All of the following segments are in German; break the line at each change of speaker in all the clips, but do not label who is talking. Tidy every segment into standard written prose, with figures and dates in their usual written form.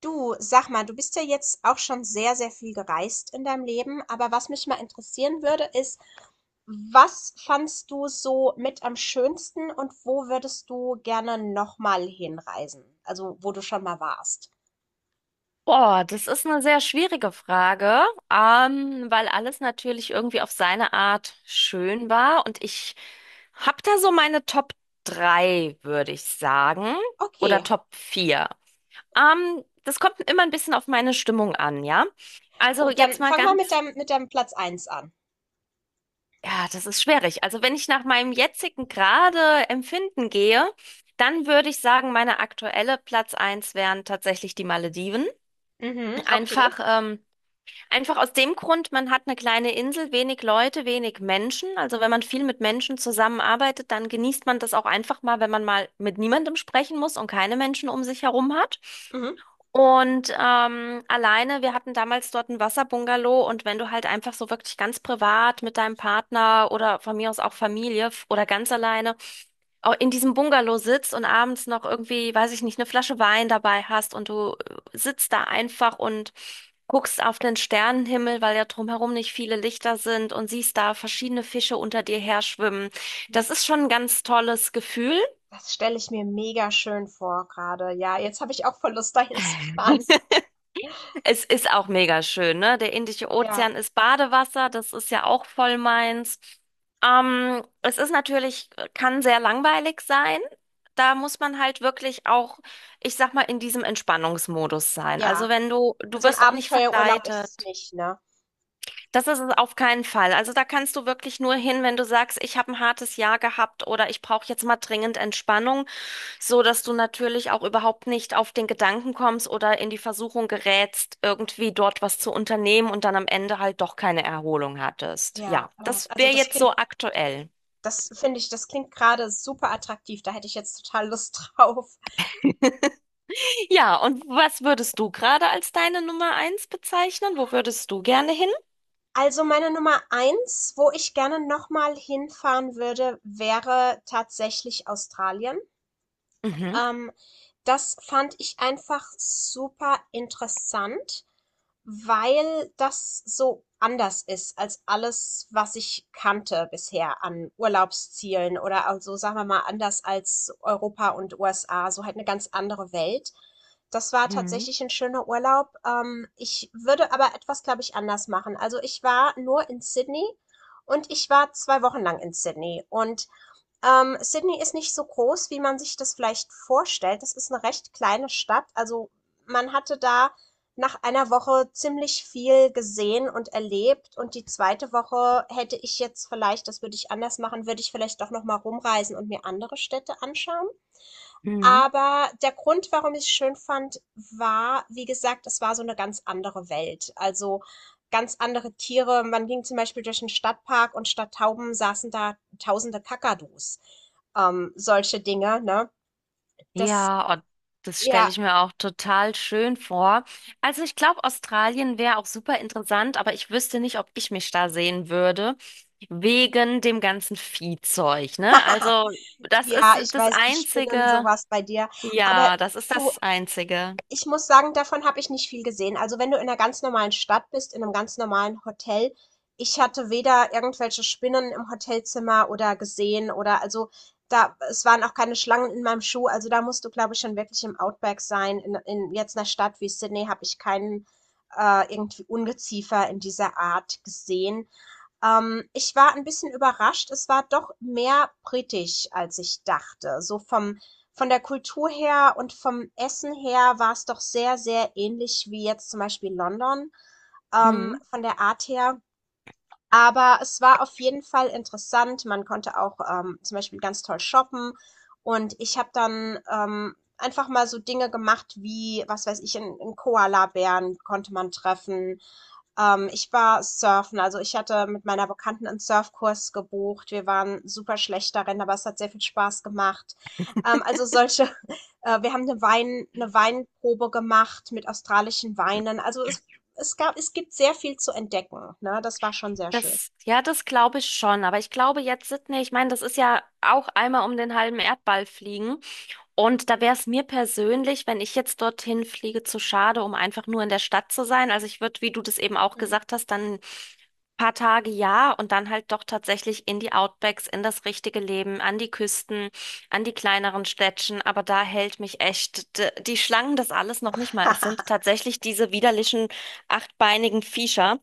Du, sag mal, du bist ja jetzt auch schon sehr, sehr viel gereist in deinem Leben, aber was mich mal interessieren würde, ist, was fandst du so mit am schönsten und wo würdest du gerne nochmal hinreisen? Also, wo du schon mal warst.
Oh, das ist eine sehr schwierige Frage, weil alles natürlich irgendwie auf seine Art schön war und ich hab da so meine Top 3, würde ich sagen, oder
Okay,
Top 4. Das kommt immer ein bisschen auf meine Stimmung an, ja? Also
gut,
jetzt
dann
mal
fang mal mit
ganz,
deinem, mit deinem Platz eins an.
ja, das ist schwierig. Also wenn ich nach meinem jetzigen gerade Empfinden gehe, dann würde ich sagen, meine aktuelle Platz eins wären tatsächlich die Malediven.
Mhm, okay.
Einfach, ähm, Einfach aus dem Grund, man hat eine kleine Insel, wenig Leute, wenig Menschen. Also wenn man viel mit Menschen zusammenarbeitet, dann genießt man das auch einfach mal, wenn man mal mit niemandem sprechen muss und keine Menschen um sich herum hat.
Mhm.
Und alleine, wir hatten damals dort ein Wasserbungalow und wenn du halt einfach so wirklich ganz privat mit deinem Partner oder von mir aus auch oder ganz alleine in diesem Bungalow sitzt und abends noch irgendwie, weiß ich nicht, eine Flasche Wein dabei hast und du sitzt da einfach und guckst auf den Sternenhimmel, weil ja drumherum nicht viele Lichter sind und siehst da verschiedene Fische unter dir her schwimmen. Das ist schon ein ganz tolles Gefühl.
Das stelle ich mir mega schön vor gerade. Ja, jetzt habe ich auch voll Lust, dahin zu fahren.
Es ist auch mega schön, ne? Der Indische
Ja,
Ozean ist Badewasser, das ist ja auch voll meins. Es ist natürlich, kann sehr langweilig sein. Da muss man halt wirklich auch, ich sag mal, in diesem Entspannungsmodus sein. Also
ja.
wenn du, du
Also ein
wirst auch nicht
Abenteuerurlaub ist es
verleitet.
nicht, ne?
Das ist es auf keinen Fall. Also da kannst du wirklich nur hin, wenn du sagst, ich habe ein hartes Jahr gehabt oder ich brauche jetzt mal dringend Entspannung, so dass du natürlich auch überhaupt nicht auf den Gedanken kommst oder in die Versuchung gerätst, irgendwie dort was zu unternehmen und dann am Ende halt doch keine Erholung hattest.
Ja,
Ja,
oh,
das
also
wäre jetzt so aktuell.
das finde ich, das klingt gerade super attraktiv. Da hätte ich jetzt total Lust drauf.
Ja, und was würdest du gerade als deine Nummer eins bezeichnen? Wo würdest du gerne hin?
Also meine Nummer eins, wo ich gerne nochmal hinfahren würde, wäre tatsächlich Australien.
Mhm.
Ähm, Das fand ich einfach super interessant, weil das so anders ist als alles, was ich kannte bisher an Urlaubszielen oder also, sagen wir mal, anders als Europa und USA, so halt eine ganz andere Welt. Das war
Mhm.
tatsächlich ein schöner Urlaub. Ich würde aber etwas, glaube ich, anders machen. Also ich war nur in Sydney und ich war 2 Wochen lang in Sydney und Sydney ist nicht so groß, wie man sich das vielleicht vorstellt. Das ist eine recht kleine Stadt. Also man hatte da nach einer Woche ziemlich viel gesehen und erlebt. Und die zweite Woche hätte ich jetzt vielleicht, das würde ich anders machen, würde ich vielleicht doch noch mal rumreisen und mir andere Städte anschauen.
Mhm.
Aber der Grund, warum ich es schön fand, war, wie gesagt, es war so eine ganz andere Welt. Also, ganz andere Tiere. Man ging zum Beispiel durch einen Stadtpark und statt Tauben saßen da tausende Kakadus. Solche Dinge, ne? Das
Ja, und das stelle
ja.
ich mir auch total schön vor. Also ich glaube, Australien wäre auch super interessant, aber ich wüsste nicht, ob ich mich da sehen würde, wegen dem ganzen Viehzeug, ne? Also das
Ja,
ist
ich
das
weiß, die spinnen
Einzige,
sowas bei dir. Aber
ja, das ist
du
das Einzige.
ich muss sagen, davon habe ich nicht viel gesehen. Also wenn du in einer ganz normalen Stadt bist, in einem ganz normalen Hotel. Ich hatte weder irgendwelche Spinnen im Hotelzimmer oder gesehen oder also, da es waren auch keine Schlangen in meinem Schuh. Also, da musst du, glaube ich, schon wirklich im Outback sein. In jetzt einer Stadt wie Sydney habe ich keinen, irgendwie Ungeziefer in dieser Art gesehen. Ich war ein bisschen überrascht. Es war doch mehr britisch, als ich dachte. So vom von der Kultur her und vom Essen her war es doch sehr, sehr ähnlich wie jetzt zum Beispiel London,
Mhm.
von der Art her. Aber es war auf jeden Fall interessant. Man konnte auch, zum Beispiel ganz toll shoppen und ich habe dann, einfach mal so Dinge gemacht wie, was weiß ich, 'n Koalabären konnte man treffen. Ich war surfen, also ich hatte mit meiner Bekannten einen Surfkurs gebucht. Wir waren super schlecht darin, aber es hat sehr viel Spaß gemacht. Also solche wir haben eine Wein eine Weinprobe gemacht mit australischen Weinen. Also es gibt sehr viel zu entdecken, ne? Das war schon sehr schön.
Das, ja, das glaube ich schon, aber ich glaube jetzt Sydney, ich meine, das ist ja auch einmal um den halben Erdball fliegen. Und da wäre es mir persönlich, wenn ich jetzt dorthin fliege, zu schade, um einfach nur in der Stadt zu sein. Also ich würde, wie du das eben auch
Mhm.
gesagt hast, dann ein paar Tage ja und dann halt doch tatsächlich in die Outbacks, in das richtige Leben, an die Küsten, an die kleineren Städtchen. Aber da hält mich echt die Schlangen das alles noch nicht mal. Es sind tatsächlich diese widerlichen achtbeinigen Viecher,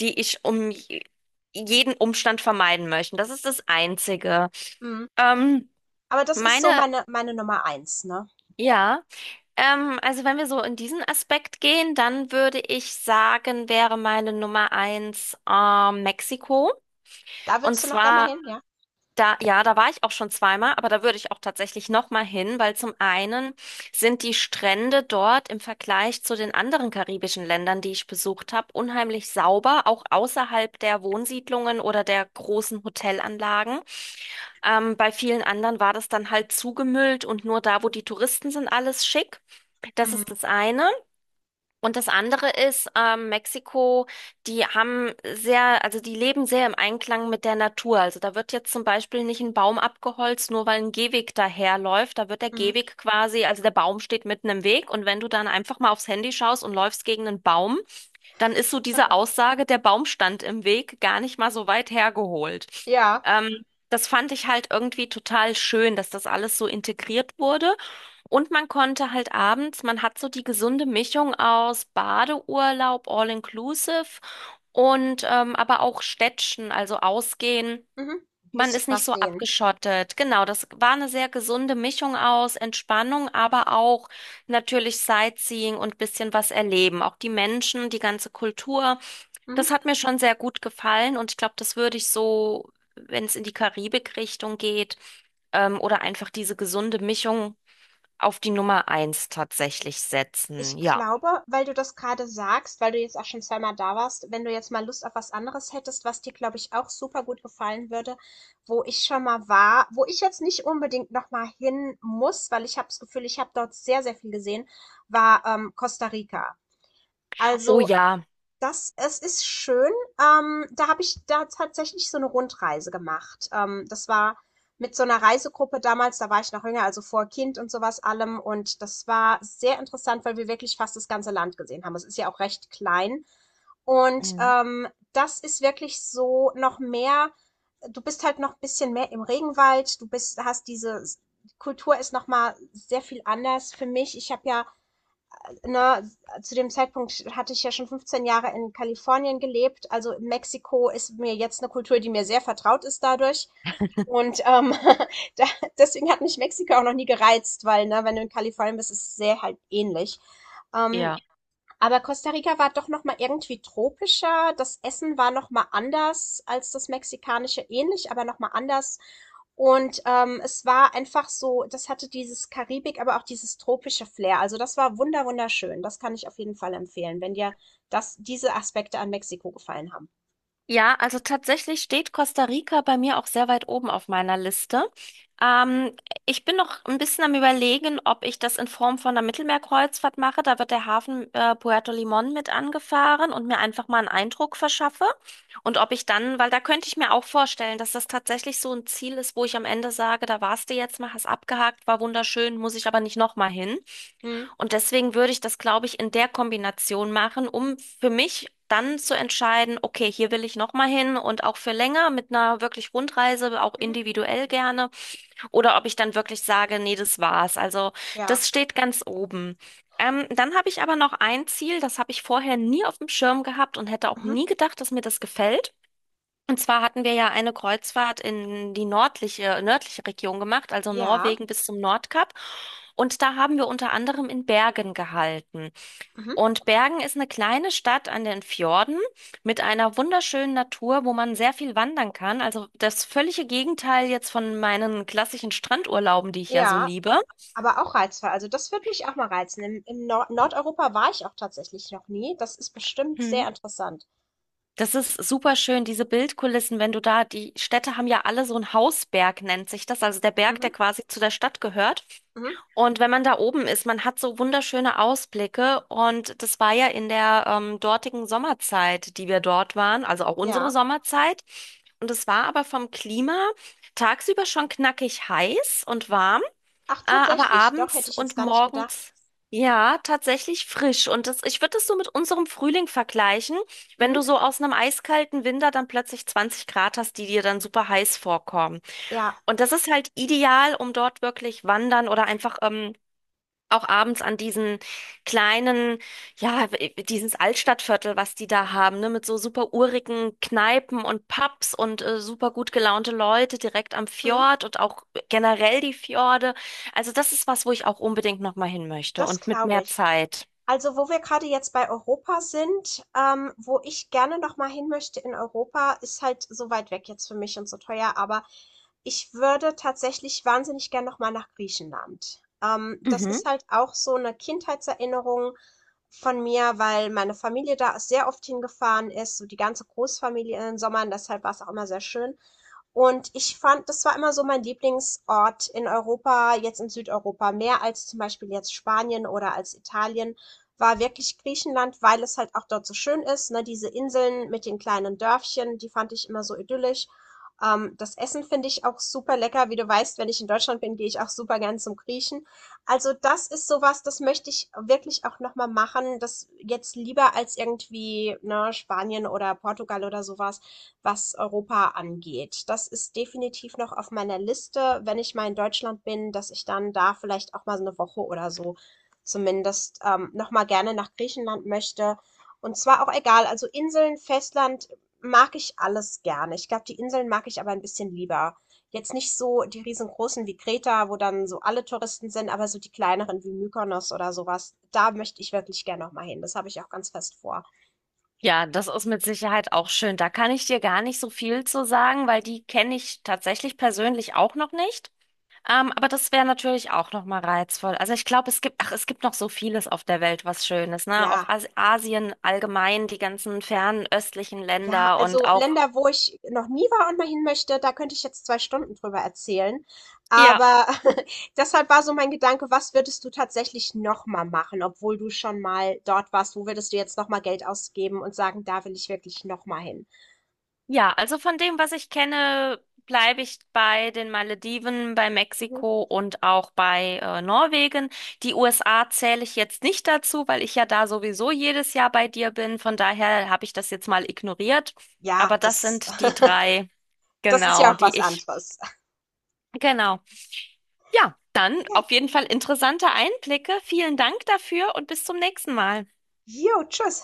die ich um jeden Umstand vermeiden möchte. Das ist das Einzige.
Mhm.
Ähm,
Aber das ist so
meine,
meine Nummer eins, ne?
ja. Also wenn wir so in diesen Aspekt gehen, dann würde ich sagen, wäre meine Nummer eins Mexiko.
Da
Und
würdest du noch gerne mal
zwar
hin, ja?
da, ja, da war ich auch schon zweimal, aber da würde ich auch tatsächlich noch mal hin, weil zum einen sind die Strände dort im Vergleich zu den anderen karibischen Ländern, die ich besucht habe, unheimlich sauber, auch außerhalb der Wohnsiedlungen oder der großen Hotelanlagen. Bei vielen anderen war das dann halt zugemüllt und nur da, wo die Touristen sind, alles schick. Das ist
Mhm,
das eine. Und das andere ist, Mexiko, die haben sehr, also die leben sehr im Einklang mit der Natur. Also da wird jetzt zum Beispiel nicht ein Baum abgeholzt, nur weil ein Gehweg daherläuft. Da wird der
mhm.
Gehweg quasi, also der Baum steht mitten im Weg und wenn du dann einfach mal aufs Handy schaust und läufst gegen einen Baum, dann ist so diese Aussage, der Baum stand im Weg, gar nicht mal so weit hergeholt.
Ja,
Das fand ich halt irgendwie total schön, dass das alles so integriert wurde. Und man konnte halt abends, man hat so die gesunde Mischung aus Badeurlaub, All-Inclusive und aber auch Städtchen, also ausgehen.
mhm.
Man
Bisschen
ist nicht
was
so
sehen.
abgeschottet. Genau, das war eine sehr gesunde Mischung aus Entspannung, aber auch natürlich Sightseeing und bisschen was erleben. Auch die Menschen, die ganze Kultur. Das
Mhm.
hat mir schon sehr gut gefallen und ich glaube, das würde ich so, wenn es in die Karibik-Richtung geht, oder einfach diese gesunde Mischung auf die Nummer eins tatsächlich setzen.
Ich
Ja.
glaube, weil du das gerade sagst, weil du jetzt auch schon zweimal da warst, wenn du jetzt mal Lust auf was anderes hättest, was dir, glaube ich, auch super gut gefallen würde, wo ich schon mal war, wo ich jetzt nicht unbedingt noch mal hin muss, weil ich habe das Gefühl, ich habe dort sehr, sehr viel gesehen, war Costa Rica.
Oh
Also
ja.
das es ist schön. Da habe ich da tatsächlich so eine Rundreise gemacht. Das war mit so einer Reisegruppe damals, da war ich noch jünger, also vor Kind und sowas allem. Und das war sehr interessant, weil wir wirklich fast das ganze Land gesehen haben. Es ist ja auch recht klein. Und,
Mhm.
das ist wirklich so noch mehr. Du bist halt noch ein bisschen mehr im Regenwald. Du bist hast diese s Kultur ist noch mal sehr viel anders für mich. Ich habe ja na, Zu dem Zeitpunkt hatte ich ja schon 15 Jahre in Kalifornien gelebt. Also Mexiko ist mir jetzt eine Kultur, die mir sehr vertraut ist dadurch. Und da, deswegen hat mich Mexiko auch noch nie gereizt, weil, ne, wenn du in Kalifornien bist, ist es sehr halt ähnlich. Ähm,
Ja.
aber Costa Rica war doch noch mal irgendwie tropischer. Das Essen war noch mal anders als das mexikanische, ähnlich, aber noch mal anders. Und es war einfach so, das hatte dieses Karibik, aber auch dieses tropische Flair. Also das war wunderschön. Das kann ich auf jeden Fall empfehlen, wenn dir diese Aspekte an Mexiko gefallen haben.
Ja, also tatsächlich steht Costa Rica bei mir auch sehr weit oben auf meiner Liste. Ähm, Ich bin noch ein bisschen am Überlegen, ob ich das in Form von einer Mittelmeerkreuzfahrt mache. Da wird der Hafen Puerto Limón mit angefahren und mir einfach mal einen Eindruck verschaffe. Und ob ich dann, weil da könnte ich mir auch vorstellen, dass das tatsächlich so ein Ziel ist, wo ich am Ende sage, da warst du jetzt mal, hast abgehakt, war wunderschön, muss ich aber nicht nochmal hin.
Mhm.
Und deswegen würde ich das, glaube ich, in der Kombination machen, um für mich dann zu entscheiden, okay, hier will ich nochmal hin und auch für länger mit einer wirklich Rundreise, auch
Mhm.
individuell gerne. Oder ob ich dann wirklich sage, nee, das war's. Also
Ja.
das steht ganz oben. Dann habe ich aber noch ein Ziel, das habe ich vorher nie auf dem Schirm gehabt und hätte auch
Mhm.
nie gedacht, dass mir das gefällt. Und zwar hatten wir ja eine Kreuzfahrt in die nördliche Region gemacht, also
Ja.
Norwegen bis zum Nordkap. Und da haben wir unter anderem in Bergen gehalten.
Mhm.
Und Bergen ist eine kleine Stadt an den Fjorden mit einer wunderschönen Natur, wo man sehr viel wandern kann. Also das völlige Gegenteil jetzt von meinen klassischen Strandurlauben, die ich ja so
Ja.
liebe.
Aber auch reizvoll. Also das würde mich auch mal reizen. In Nordeuropa war ich auch tatsächlich noch nie. Das ist bestimmt sehr
Mhm.
interessant.
Das ist super schön, diese Bildkulissen, wenn du da, die Städte haben ja alle so einen Hausberg, nennt sich das, also der Berg, der
Mhm.
quasi zu der Stadt gehört.
Mhm.
Und wenn man da oben ist, man hat so wunderschöne Ausblicke. Und das war ja in der dortigen Sommerzeit, die wir dort waren, also auch unsere
Ja.
Sommerzeit. Und es war aber vom Klima tagsüber schon knackig heiß und warm,
Ach,
aber
tatsächlich. Doch, hätte
abends
ich jetzt
und
gar nicht gedacht.
morgens. Ja, tatsächlich frisch. Und das, ich würde das so mit unserem Frühling vergleichen, wenn du
Mhm.
so aus einem eiskalten Winter dann plötzlich 20 Grad hast, die dir dann super heiß vorkommen.
Ja.
Und das ist halt ideal, um dort wirklich wandern oder einfach auch abends an diesen kleinen, ja, dieses Altstadtviertel, was die da haben, ne, mit so super urigen Kneipen und Pubs und super gut gelaunte Leute direkt am
Mhm.
Fjord und auch generell die Fjorde. Also das ist was, wo ich auch unbedingt nochmal hin möchte
Das
und mit
glaube
mehr
ich.
Zeit.
Also, wo wir gerade jetzt bei Europa sind, wo ich gerne noch mal hin möchte in Europa, ist halt so weit weg jetzt für mich und so teuer, aber ich würde tatsächlich wahnsinnig gern noch mal nach Griechenland. Das
Mhm.
ist halt auch so eine Kindheitserinnerung von mir, weil meine Familie da sehr oft hingefahren ist, so die ganze Großfamilie in den Sommern, deshalb war es auch immer sehr schön. Und ich fand, das war immer so mein Lieblingsort in Europa, jetzt in Südeuropa, mehr als zum Beispiel jetzt Spanien oder als Italien, war wirklich Griechenland, weil es halt auch dort so schön ist, ne? Diese Inseln mit den kleinen Dörfchen, die fand ich immer so idyllisch. Das Essen finde ich auch super lecker. Wie du weißt, wenn ich in Deutschland bin, gehe ich auch super gern zum Griechen. Also das ist sowas, das möchte ich wirklich auch nochmal machen. Das jetzt lieber als irgendwie, ne, Spanien oder Portugal oder sowas, was Europa angeht. Das ist definitiv noch auf meiner Liste, wenn ich mal in Deutschland bin, dass ich dann da vielleicht auch mal so eine Woche oder so zumindest, noch mal gerne nach Griechenland möchte. Und zwar auch egal, also Inseln, Festland mag ich alles gerne. Ich glaube, die Inseln mag ich aber ein bisschen lieber. Jetzt nicht so die riesengroßen wie Kreta, wo dann so alle Touristen sind, aber so die kleineren wie Mykonos oder sowas. Da möchte ich wirklich gerne noch mal hin. Das habe ich auch ganz fest vor.
Ja, das ist mit Sicherheit auch schön. Da kann ich dir gar nicht so viel zu sagen, weil die kenne ich tatsächlich persönlich auch noch nicht. Aber das wäre natürlich auch noch mal reizvoll. Also ich glaube, es gibt, ach, es gibt noch so vieles auf der Welt, was schön ist, ne? Auch
Ja.
As Asien allgemein, die ganzen fernöstlichen
Ja,
Länder und
also
auch,
Länder, wo ich noch nie war und mal hin möchte, da könnte ich jetzt 2 Stunden drüber erzählen.
ja,
Aber deshalb war so mein Gedanke, was würdest du tatsächlich noch mal machen, obwohl du schon mal dort warst? Wo würdest du jetzt noch mal Geld ausgeben und sagen, da will ich wirklich noch mal hin?
ja, also von dem, was ich kenne, bleibe ich bei den Malediven, bei
Mhm.
Mexiko und auch bei Norwegen. Die USA zähle ich jetzt nicht dazu, weil ich ja da sowieso jedes Jahr bei dir bin. Von daher habe ich das jetzt mal ignoriert.
Ja,
Aber das
das,
sind die drei,
das ist
genau,
ja auch
die
was
ich,
anderes.
genau. Ja, dann
Ja,
auf jeden Fall interessante Einblicke. Vielen Dank dafür und bis zum nächsten Mal.
jo, tschüss.